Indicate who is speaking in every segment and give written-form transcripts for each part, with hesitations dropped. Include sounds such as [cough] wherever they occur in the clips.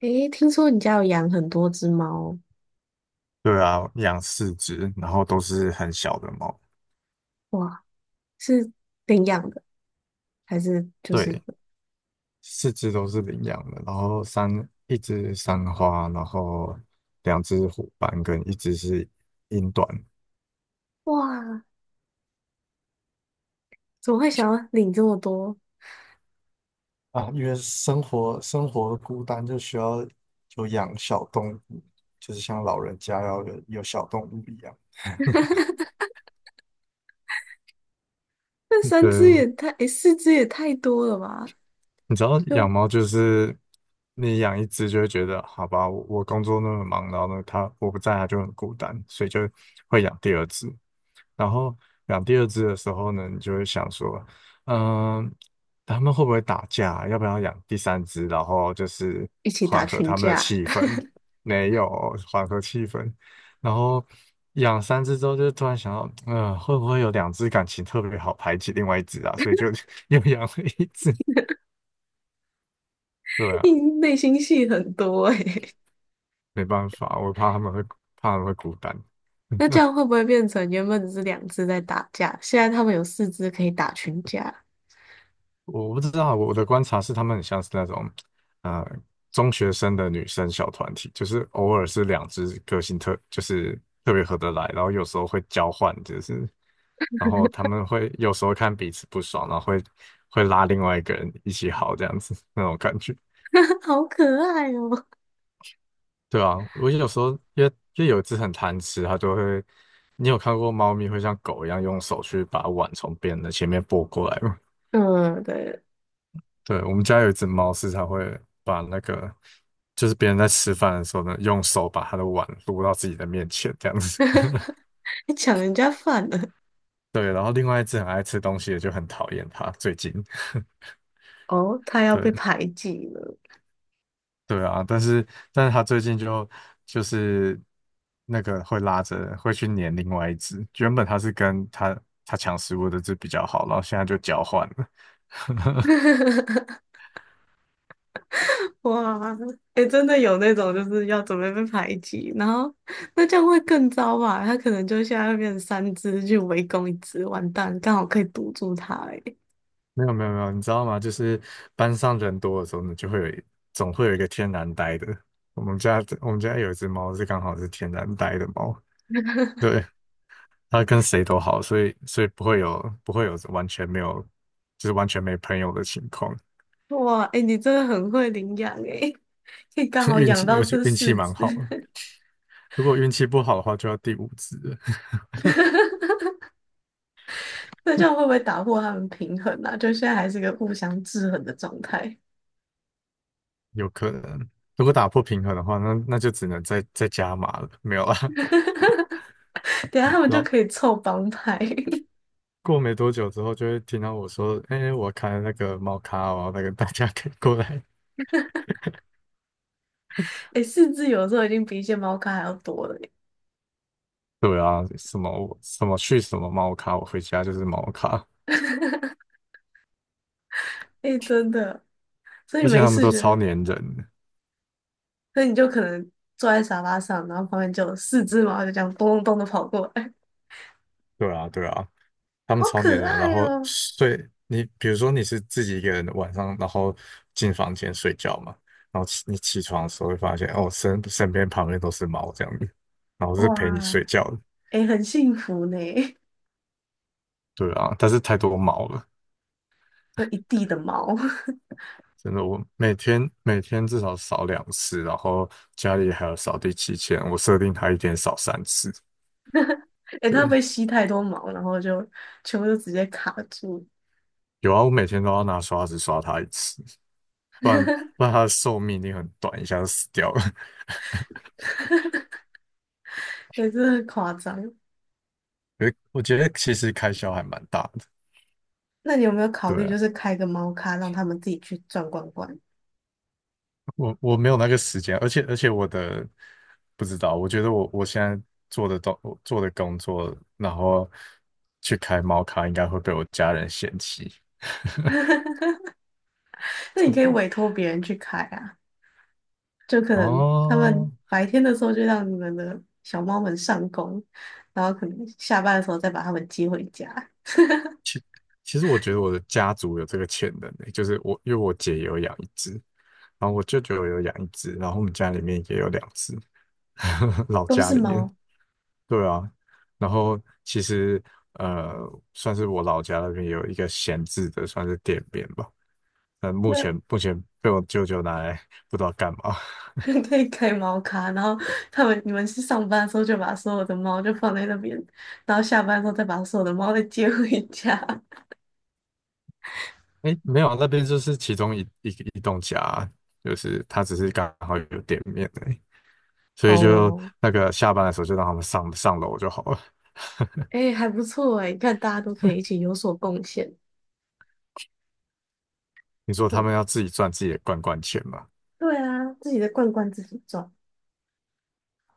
Speaker 1: 诶，听说你家有养很多只猫。
Speaker 2: 对啊，养四只，然后都是很小的猫。
Speaker 1: 哇，是领养的还是就是有？
Speaker 2: 对，四只都是领养的，然后一只三花，然后两只虎斑跟一只是英短。
Speaker 1: 哇，怎么会想要领这么多？
Speaker 2: 啊，因为生活孤单，就需要有养小动物，就是像老人家要有小动物一样。
Speaker 1: 那三
Speaker 2: 对，
Speaker 1: 只也太，诶，四只也太多了吧？
Speaker 2: 你知道
Speaker 1: 就
Speaker 2: 养猫就是你养一只就会觉得，好吧，我工作那么忙，然后呢，它我不在，它就很孤单，所以就会养第二只。然后养第二只的时候呢，你就会想说，嗯，他们会不会打架？要不要养第三只？然后就是
Speaker 1: 一起打
Speaker 2: 缓和
Speaker 1: 群
Speaker 2: 他们的
Speaker 1: 架。
Speaker 2: 气氛，没有缓和气氛。然后养三只之后，就突然想到，会不会有两只感情特别好排挤另外一只啊？所以就 [laughs] 又养了一只。对
Speaker 1: [laughs] 你
Speaker 2: 啊，
Speaker 1: 内心戏很多诶。
Speaker 2: 没办法，我怕他们会孤单。
Speaker 1: [laughs] 那
Speaker 2: [laughs]
Speaker 1: 这样会不会变成原本只是两只在打架，现在他们有四只可以打群架？
Speaker 2: 我不知道啊，我的观察是他们很像是那种，呃，中学生的女生小团体，就是偶尔是两只个性就是特别合得来，然后有时候会交换，就是，然后他们会有时候看彼此不爽，然后会拉另外一个人一起好这样子那种感觉。
Speaker 1: [laughs] 好可爱哦。
Speaker 2: 对啊，我有时候因为有一只很贪吃，它就会，你有看过猫咪会像狗一样用手去把碗从别人的前面拨过来吗？
Speaker 1: [laughs] 嗯，对。
Speaker 2: 对，我们家有一只猫，时常会把那个，就是别人在吃饭的时候呢，用手把它的碗撸到自己的面前，这样子。[laughs]
Speaker 1: [laughs] 还抢人家饭了。
Speaker 2: 对，然后另外一只很爱吃东西的就很讨厌它，最近。
Speaker 1: 哦，
Speaker 2: [laughs]
Speaker 1: 他要被
Speaker 2: 对，
Speaker 1: 排挤了。
Speaker 2: 对啊，但是它最近就是那个会拉着会去黏另外一只，原本它是跟它抢食物的只比较好，然后现在就交换了。
Speaker 1: [laughs] [laughs] 哇，哎、真的有那种就是要准备被排挤，然后那这样会更糟吧？他可能就现在会变成三只去围攻一只，完蛋，刚好可以堵住它、欸。哎，
Speaker 2: 没有没有没有，你知道吗？就是班上人多的时候呢，就会有一总会有一个天然呆的。我们家有一只猫是刚好是天然呆的猫，对，它跟谁都好，所以不会有完全没有就是完全没朋友的情况。
Speaker 1: 哇，哎、你真的很会领养哎、可以刚
Speaker 2: [laughs]
Speaker 1: 好
Speaker 2: 运
Speaker 1: 养
Speaker 2: 气
Speaker 1: 到
Speaker 2: 而且
Speaker 1: 这
Speaker 2: 运气
Speaker 1: 四
Speaker 2: 蛮
Speaker 1: 只。
Speaker 2: 好的。如果运气不好的话，就要第五只了。 [laughs]
Speaker 1: [laughs] 那这样会不会打破他们平衡啊？就现在还是个互相制衡的状态。
Speaker 2: 有可能。如果打破平衡的话，那就只能再加码了，没有啦。[laughs]
Speaker 1: [laughs] 等一下他们
Speaker 2: 然
Speaker 1: 就
Speaker 2: 后
Speaker 1: 可以凑帮派。[laughs]
Speaker 2: 过没多久之后，就会听到我说：“哎、我开了那个猫咖哦，那个大家可以过来。[laughs]”
Speaker 1: 哎、四只有时候已经比一些猫咖还要多了、欸。
Speaker 2: 对啊，什么什么去什么猫咖，我回家就是猫咖，
Speaker 1: [laughs] 哎、真的，所以
Speaker 2: 而且
Speaker 1: 没
Speaker 2: 他们
Speaker 1: 事
Speaker 2: 都
Speaker 1: 就。
Speaker 2: 超粘人的。
Speaker 1: 所以你就可能坐在沙发上，然后旁边就有四只猫就这样咚咚咚的跑过来。
Speaker 2: 对啊，对啊，
Speaker 1: [laughs]
Speaker 2: 他们
Speaker 1: 好
Speaker 2: 超粘
Speaker 1: 可
Speaker 2: 人，然
Speaker 1: 爱
Speaker 2: 后
Speaker 1: 哦！
Speaker 2: 睡你，比如说你是自己一个人晚上，然后进房间睡觉嘛，然后你起床的时候会发现，哦，身边旁边都是猫这样子，然后是陪你睡
Speaker 1: 哇，
Speaker 2: 觉的。
Speaker 1: 诶，很幸福呢。
Speaker 2: 对啊，但是太多猫了。
Speaker 1: 有一地的毛。
Speaker 2: 真的，我每天至少扫2次，然后家里还有扫地机器人，我设定它一天扫3次。
Speaker 1: [laughs] 诶，它会
Speaker 2: 对，
Speaker 1: 不会吸太多毛，然后就全部都直接卡住？
Speaker 2: 有啊，我每天都要拿刷子刷它一次，不
Speaker 1: [laughs]
Speaker 2: 然不然它的寿命一定很短，一下就死掉了。[laughs]
Speaker 1: 也是很夸张。
Speaker 2: 我觉得其实开销还蛮大的。
Speaker 1: 那你有没有考
Speaker 2: 对
Speaker 1: 虑就
Speaker 2: 啊，
Speaker 1: 是开个猫咖，让他们自己去转罐罐？
Speaker 2: 我没有那个时间，而且我的不知道，我觉得我现在做的东我做的工作，然后去开猫咖，应该会被我家人嫌弃。
Speaker 1: [laughs] 那你可以委
Speaker 2: [laughs]
Speaker 1: 托别人去开啊。就可能他
Speaker 2: 哦，
Speaker 1: 们白天的时候就让你们的小猫们上工，然后可能下班的时候再把它们接回家。[laughs]
Speaker 2: 其实我觉得我的家族有这个潜能诶，就是我因为我姐也有养一只，然后我舅舅也有养一只，然后我们家里面也有两只，[laughs] 老
Speaker 1: 都
Speaker 2: 家
Speaker 1: 是
Speaker 2: 里面。
Speaker 1: 猫。
Speaker 2: 对啊，然后其实呃，算是我老家那边有一个闲置的，算是店面吧。但目
Speaker 1: 那
Speaker 2: 前目前被我舅舅拿来不知道干嘛。
Speaker 1: [laughs] 可以开猫咖，然后他们你们去上班的时候就把所有的猫就放在那边，然后下班的时候再把所有的猫再接回家。
Speaker 2: 哎，没有啊那边就是其中一栋家啊就是他只是刚好有店面而已所以就
Speaker 1: 哦，
Speaker 2: 那个下班的时候就让他们上楼就好了。
Speaker 1: 哎，还不错哎，你看大家都可以一起有所贡献。
Speaker 2: 你说他
Speaker 1: 嗯，
Speaker 2: 们要自己赚自己的罐罐钱嘛？
Speaker 1: 对啊，自己的罐罐自己装。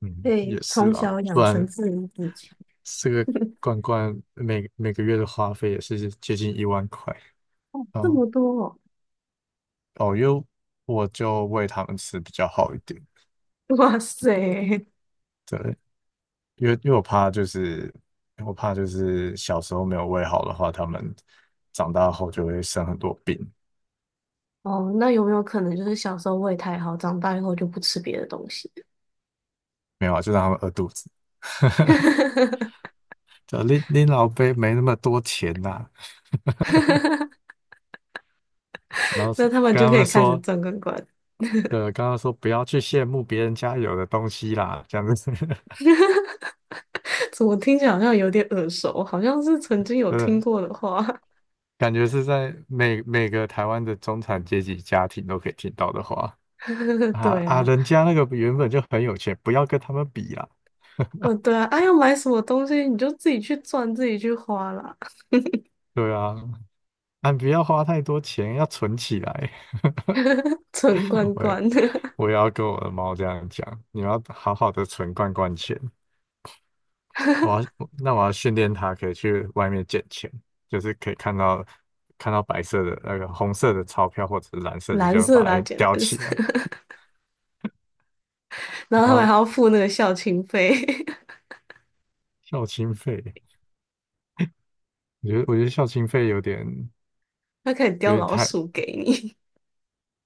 Speaker 2: 嗯，
Speaker 1: 对，
Speaker 2: 也是
Speaker 1: 从
Speaker 2: 啊，
Speaker 1: 小
Speaker 2: 不
Speaker 1: 养成
Speaker 2: 然
Speaker 1: 自立自强。
Speaker 2: 这个罐罐每个月的花费也是接近1万块。
Speaker 1: 哦，
Speaker 2: 然
Speaker 1: 这
Speaker 2: 后
Speaker 1: 么多哦。
Speaker 2: 哦，因为我就喂他们吃比较好一点，
Speaker 1: 哇塞！
Speaker 2: 对，因为我怕就是小时候没有喂好的话，他们长大后就会生很多病。
Speaker 1: 哦，那有没有可能就是小时候胃太好，长大以后就不吃别的东西？
Speaker 2: 没有啊，就让他们饿肚子。[laughs]
Speaker 1: [laughs]
Speaker 2: 就拎老杯没那么多钱呐、然后
Speaker 1: 那他们
Speaker 2: 跟
Speaker 1: 就
Speaker 2: 他
Speaker 1: 可
Speaker 2: 们
Speaker 1: 以开始
Speaker 2: 说。
Speaker 1: 正罐罐。
Speaker 2: 对，刚刚说不要去羡慕别人家有的东西啦，这样子。[laughs]
Speaker 1: [laughs] 怎么听起来好像有点耳熟，好像是曾经有听
Speaker 2: 对，
Speaker 1: 过的话。
Speaker 2: 感觉是在每个台湾的中产阶级家庭都可以听到的话
Speaker 1: [laughs]
Speaker 2: 啊
Speaker 1: 对
Speaker 2: 啊，
Speaker 1: 啊。
Speaker 2: 人家那个原本就很有钱，不要跟他们比啦，
Speaker 1: 嗯、对啊，啊，要买什么东西你就自己去赚，自己去花啦。
Speaker 2: 对啊，啊，不要花太多钱，要存起来。
Speaker 1: [laughs] 存
Speaker 2: [laughs]
Speaker 1: 罐
Speaker 2: 我也
Speaker 1: 罐。
Speaker 2: 我也要跟我的猫这样讲，你要好好的存罐罐钱。我要，那我要训练它可以去外面捡钱，就是可以看到白色的那个红色的钞票或者是蓝
Speaker 1: [laughs]
Speaker 2: 色的，
Speaker 1: 蓝
Speaker 2: 就
Speaker 1: 色的、
Speaker 2: 把
Speaker 1: 啊、
Speaker 2: 它
Speaker 1: 姐
Speaker 2: 叼
Speaker 1: 蓝
Speaker 2: 起
Speaker 1: 色。
Speaker 2: 来。
Speaker 1: [laughs] 然
Speaker 2: 然
Speaker 1: 后他们
Speaker 2: 后
Speaker 1: 还要付那个校庆费。
Speaker 2: 校庆费，我觉得校庆费有点
Speaker 1: [laughs] 他可以
Speaker 2: 有
Speaker 1: 叼
Speaker 2: 点
Speaker 1: 老
Speaker 2: 太
Speaker 1: 鼠给你。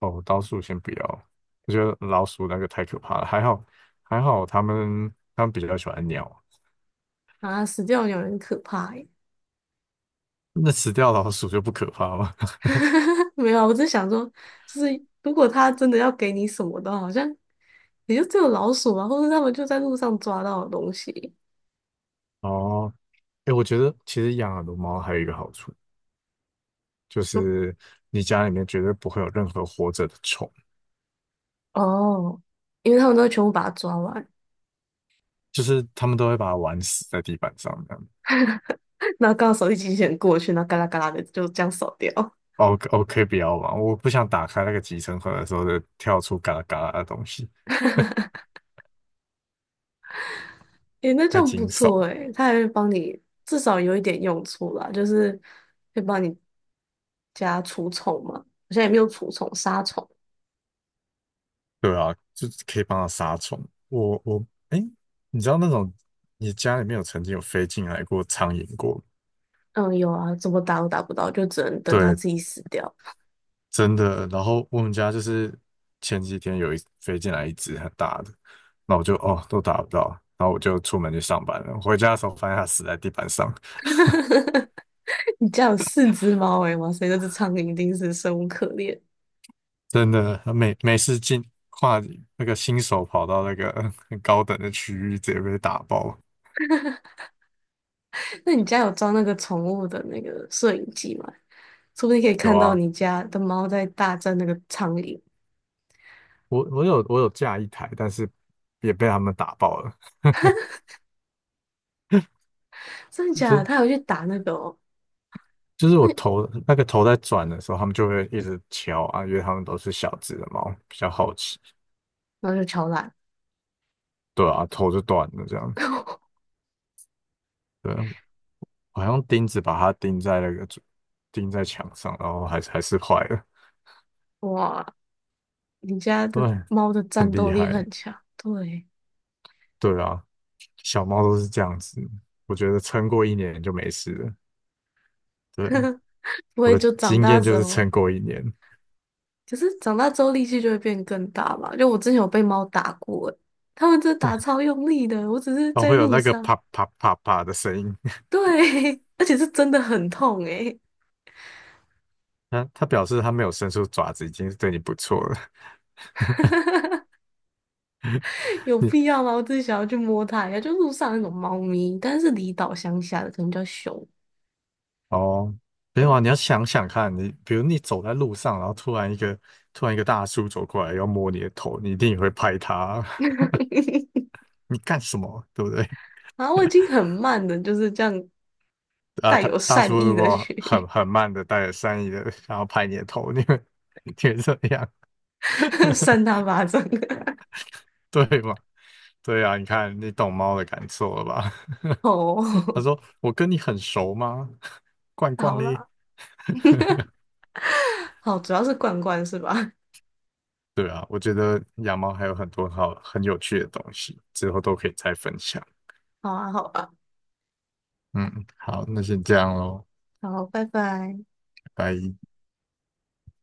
Speaker 2: 哦，老鼠先不要，我觉得老鼠那个太可怕了。还好，他们比较喜欢鸟，
Speaker 1: [laughs] 啊，死掉鸟很可怕耶。
Speaker 2: 那死掉老鼠就不可怕吗？[laughs]
Speaker 1: [laughs] 没有啊我只是想说，就是如果他真的要给你什么的话好像也就只有老鼠啊，或者他们就在路上抓到的东西。
Speaker 2: 哦，哎，我觉得其实养很多猫还有一个好处，就
Speaker 1: 说
Speaker 2: 是你家里面绝对不会有任何活着的虫。
Speaker 1: 哦，因为他们都会全部把它抓完。
Speaker 2: 就是他们都会把它玩死在地板上这样。
Speaker 1: [laughs] 然后刚好手一机器人过去，然后嘎啦嘎啦的就这样扫掉。
Speaker 2: 哦，o 哦，可以不要玩，我不想打开那个集成盒的时候就跳出嘎啦嘎啦的东西，
Speaker 1: 诶，那这
Speaker 2: 太
Speaker 1: 样不
Speaker 2: 惊悚。
Speaker 1: 错诶，他还会帮你至少有一点用处啦，就是会帮你加除虫嘛。我现在也没有除虫杀虫。
Speaker 2: 对啊，就是可以帮它杀虫。我我哎，你知道那种你家里面有曾经有飞进来过苍蝇过？
Speaker 1: 嗯，有啊，怎么打都打不到，就只能等它
Speaker 2: 对，
Speaker 1: 自己死掉。
Speaker 2: 真的。然后我们家就是前几天有一飞进来一只很大的，那我就哦都打不到，然后我就出门去上班了。回家的时候发现它死在地板上。[laughs]
Speaker 1: [laughs] 你家有四只猫诶，哇塞，那只苍蝇一定是生无可恋。
Speaker 2: 真的，每次跨那个新手跑到那个很高等的区域，直接被打爆。
Speaker 1: 那你家有装那个宠物的那个摄影机吗？说不定可以
Speaker 2: 有
Speaker 1: 看到
Speaker 2: 啊，
Speaker 1: 你家的猫在大战那个苍蝇。
Speaker 2: 我有架一台，但是也被他们打爆了。
Speaker 1: 真的假的？
Speaker 2: 就
Speaker 1: 它有去打那个哦，
Speaker 2: 就是
Speaker 1: 那
Speaker 2: 那个头在转的时候，他们就会一直敲啊，因为他们都是小只的猫，比较好奇。
Speaker 1: 然后就敲烂。
Speaker 2: 对啊，头就断了这样子。
Speaker 1: [laughs]
Speaker 2: 对啊，我还用钉子把它钉在那个钉在墙上，然后还是坏了。
Speaker 1: 哇，你家的
Speaker 2: 对，
Speaker 1: 猫的
Speaker 2: 很
Speaker 1: 战
Speaker 2: 厉
Speaker 1: 斗力很
Speaker 2: 害。
Speaker 1: 强。对，
Speaker 2: 对啊，小猫都是这样子，我觉得撑过一年就没事了。对，
Speaker 1: 不
Speaker 2: 我
Speaker 1: 会
Speaker 2: 的
Speaker 1: 就长
Speaker 2: 经
Speaker 1: 大
Speaker 2: 验就
Speaker 1: 之
Speaker 2: 是
Speaker 1: 后，
Speaker 2: 撑过一年，
Speaker 1: 可是长大之后力气就会变更大嘛？就我之前有被猫打过诶，它们真的打超用力的，我只是
Speaker 2: 哦，
Speaker 1: 在
Speaker 2: 会有
Speaker 1: 路
Speaker 2: 那个
Speaker 1: 上。
Speaker 2: 啪啪啪啪的声音。[laughs]
Speaker 1: 对。[laughs] 而且是真的很痛诶。
Speaker 2: 它表示它没有伸出爪子，已经是对你不错了。
Speaker 1: [laughs] 有
Speaker 2: [laughs] 你
Speaker 1: 必要吗？我只是想要去摸它一下，就路上那种猫咪，但是离岛乡下的可能叫熊。
Speaker 2: 哦，没有啊，
Speaker 1: 对。
Speaker 2: 你要想想看，你比如你走在路上，然后突然一个大叔走过来要摸你的头，你一定也会拍他，
Speaker 1: [laughs]
Speaker 2: [laughs] 你干什么？对不对？
Speaker 1: 然后我已经很慢的，就是这样
Speaker 2: 啊，
Speaker 1: 带
Speaker 2: 他
Speaker 1: 有
Speaker 2: 大叔
Speaker 1: 善意
Speaker 2: 如
Speaker 1: 的
Speaker 2: 果
Speaker 1: 去
Speaker 2: 很慢的带着善意的想要拍你的头，你会 [laughs] 你怎么样。
Speaker 1: [laughs] 扇它
Speaker 2: [laughs]
Speaker 1: 巴掌。[laughs]
Speaker 2: 对嘛？对啊，你看你懂猫的感受了吧？[laughs] 他
Speaker 1: 哦。
Speaker 2: 说：“我跟你很熟吗？[laughs] 罐
Speaker 1: [laughs]
Speaker 2: 罐
Speaker 1: 好
Speaker 2: 嘞？”
Speaker 1: 啦。[laughs] 好，主要是罐罐是吧？
Speaker 2: 对啊，我觉得养猫还有很多好很有趣的东西，之后都可以再分享。
Speaker 1: [laughs] 好啊，好啊。
Speaker 2: 嗯，好，那先这样喽，
Speaker 1: 好，拜拜。
Speaker 2: 拜拜。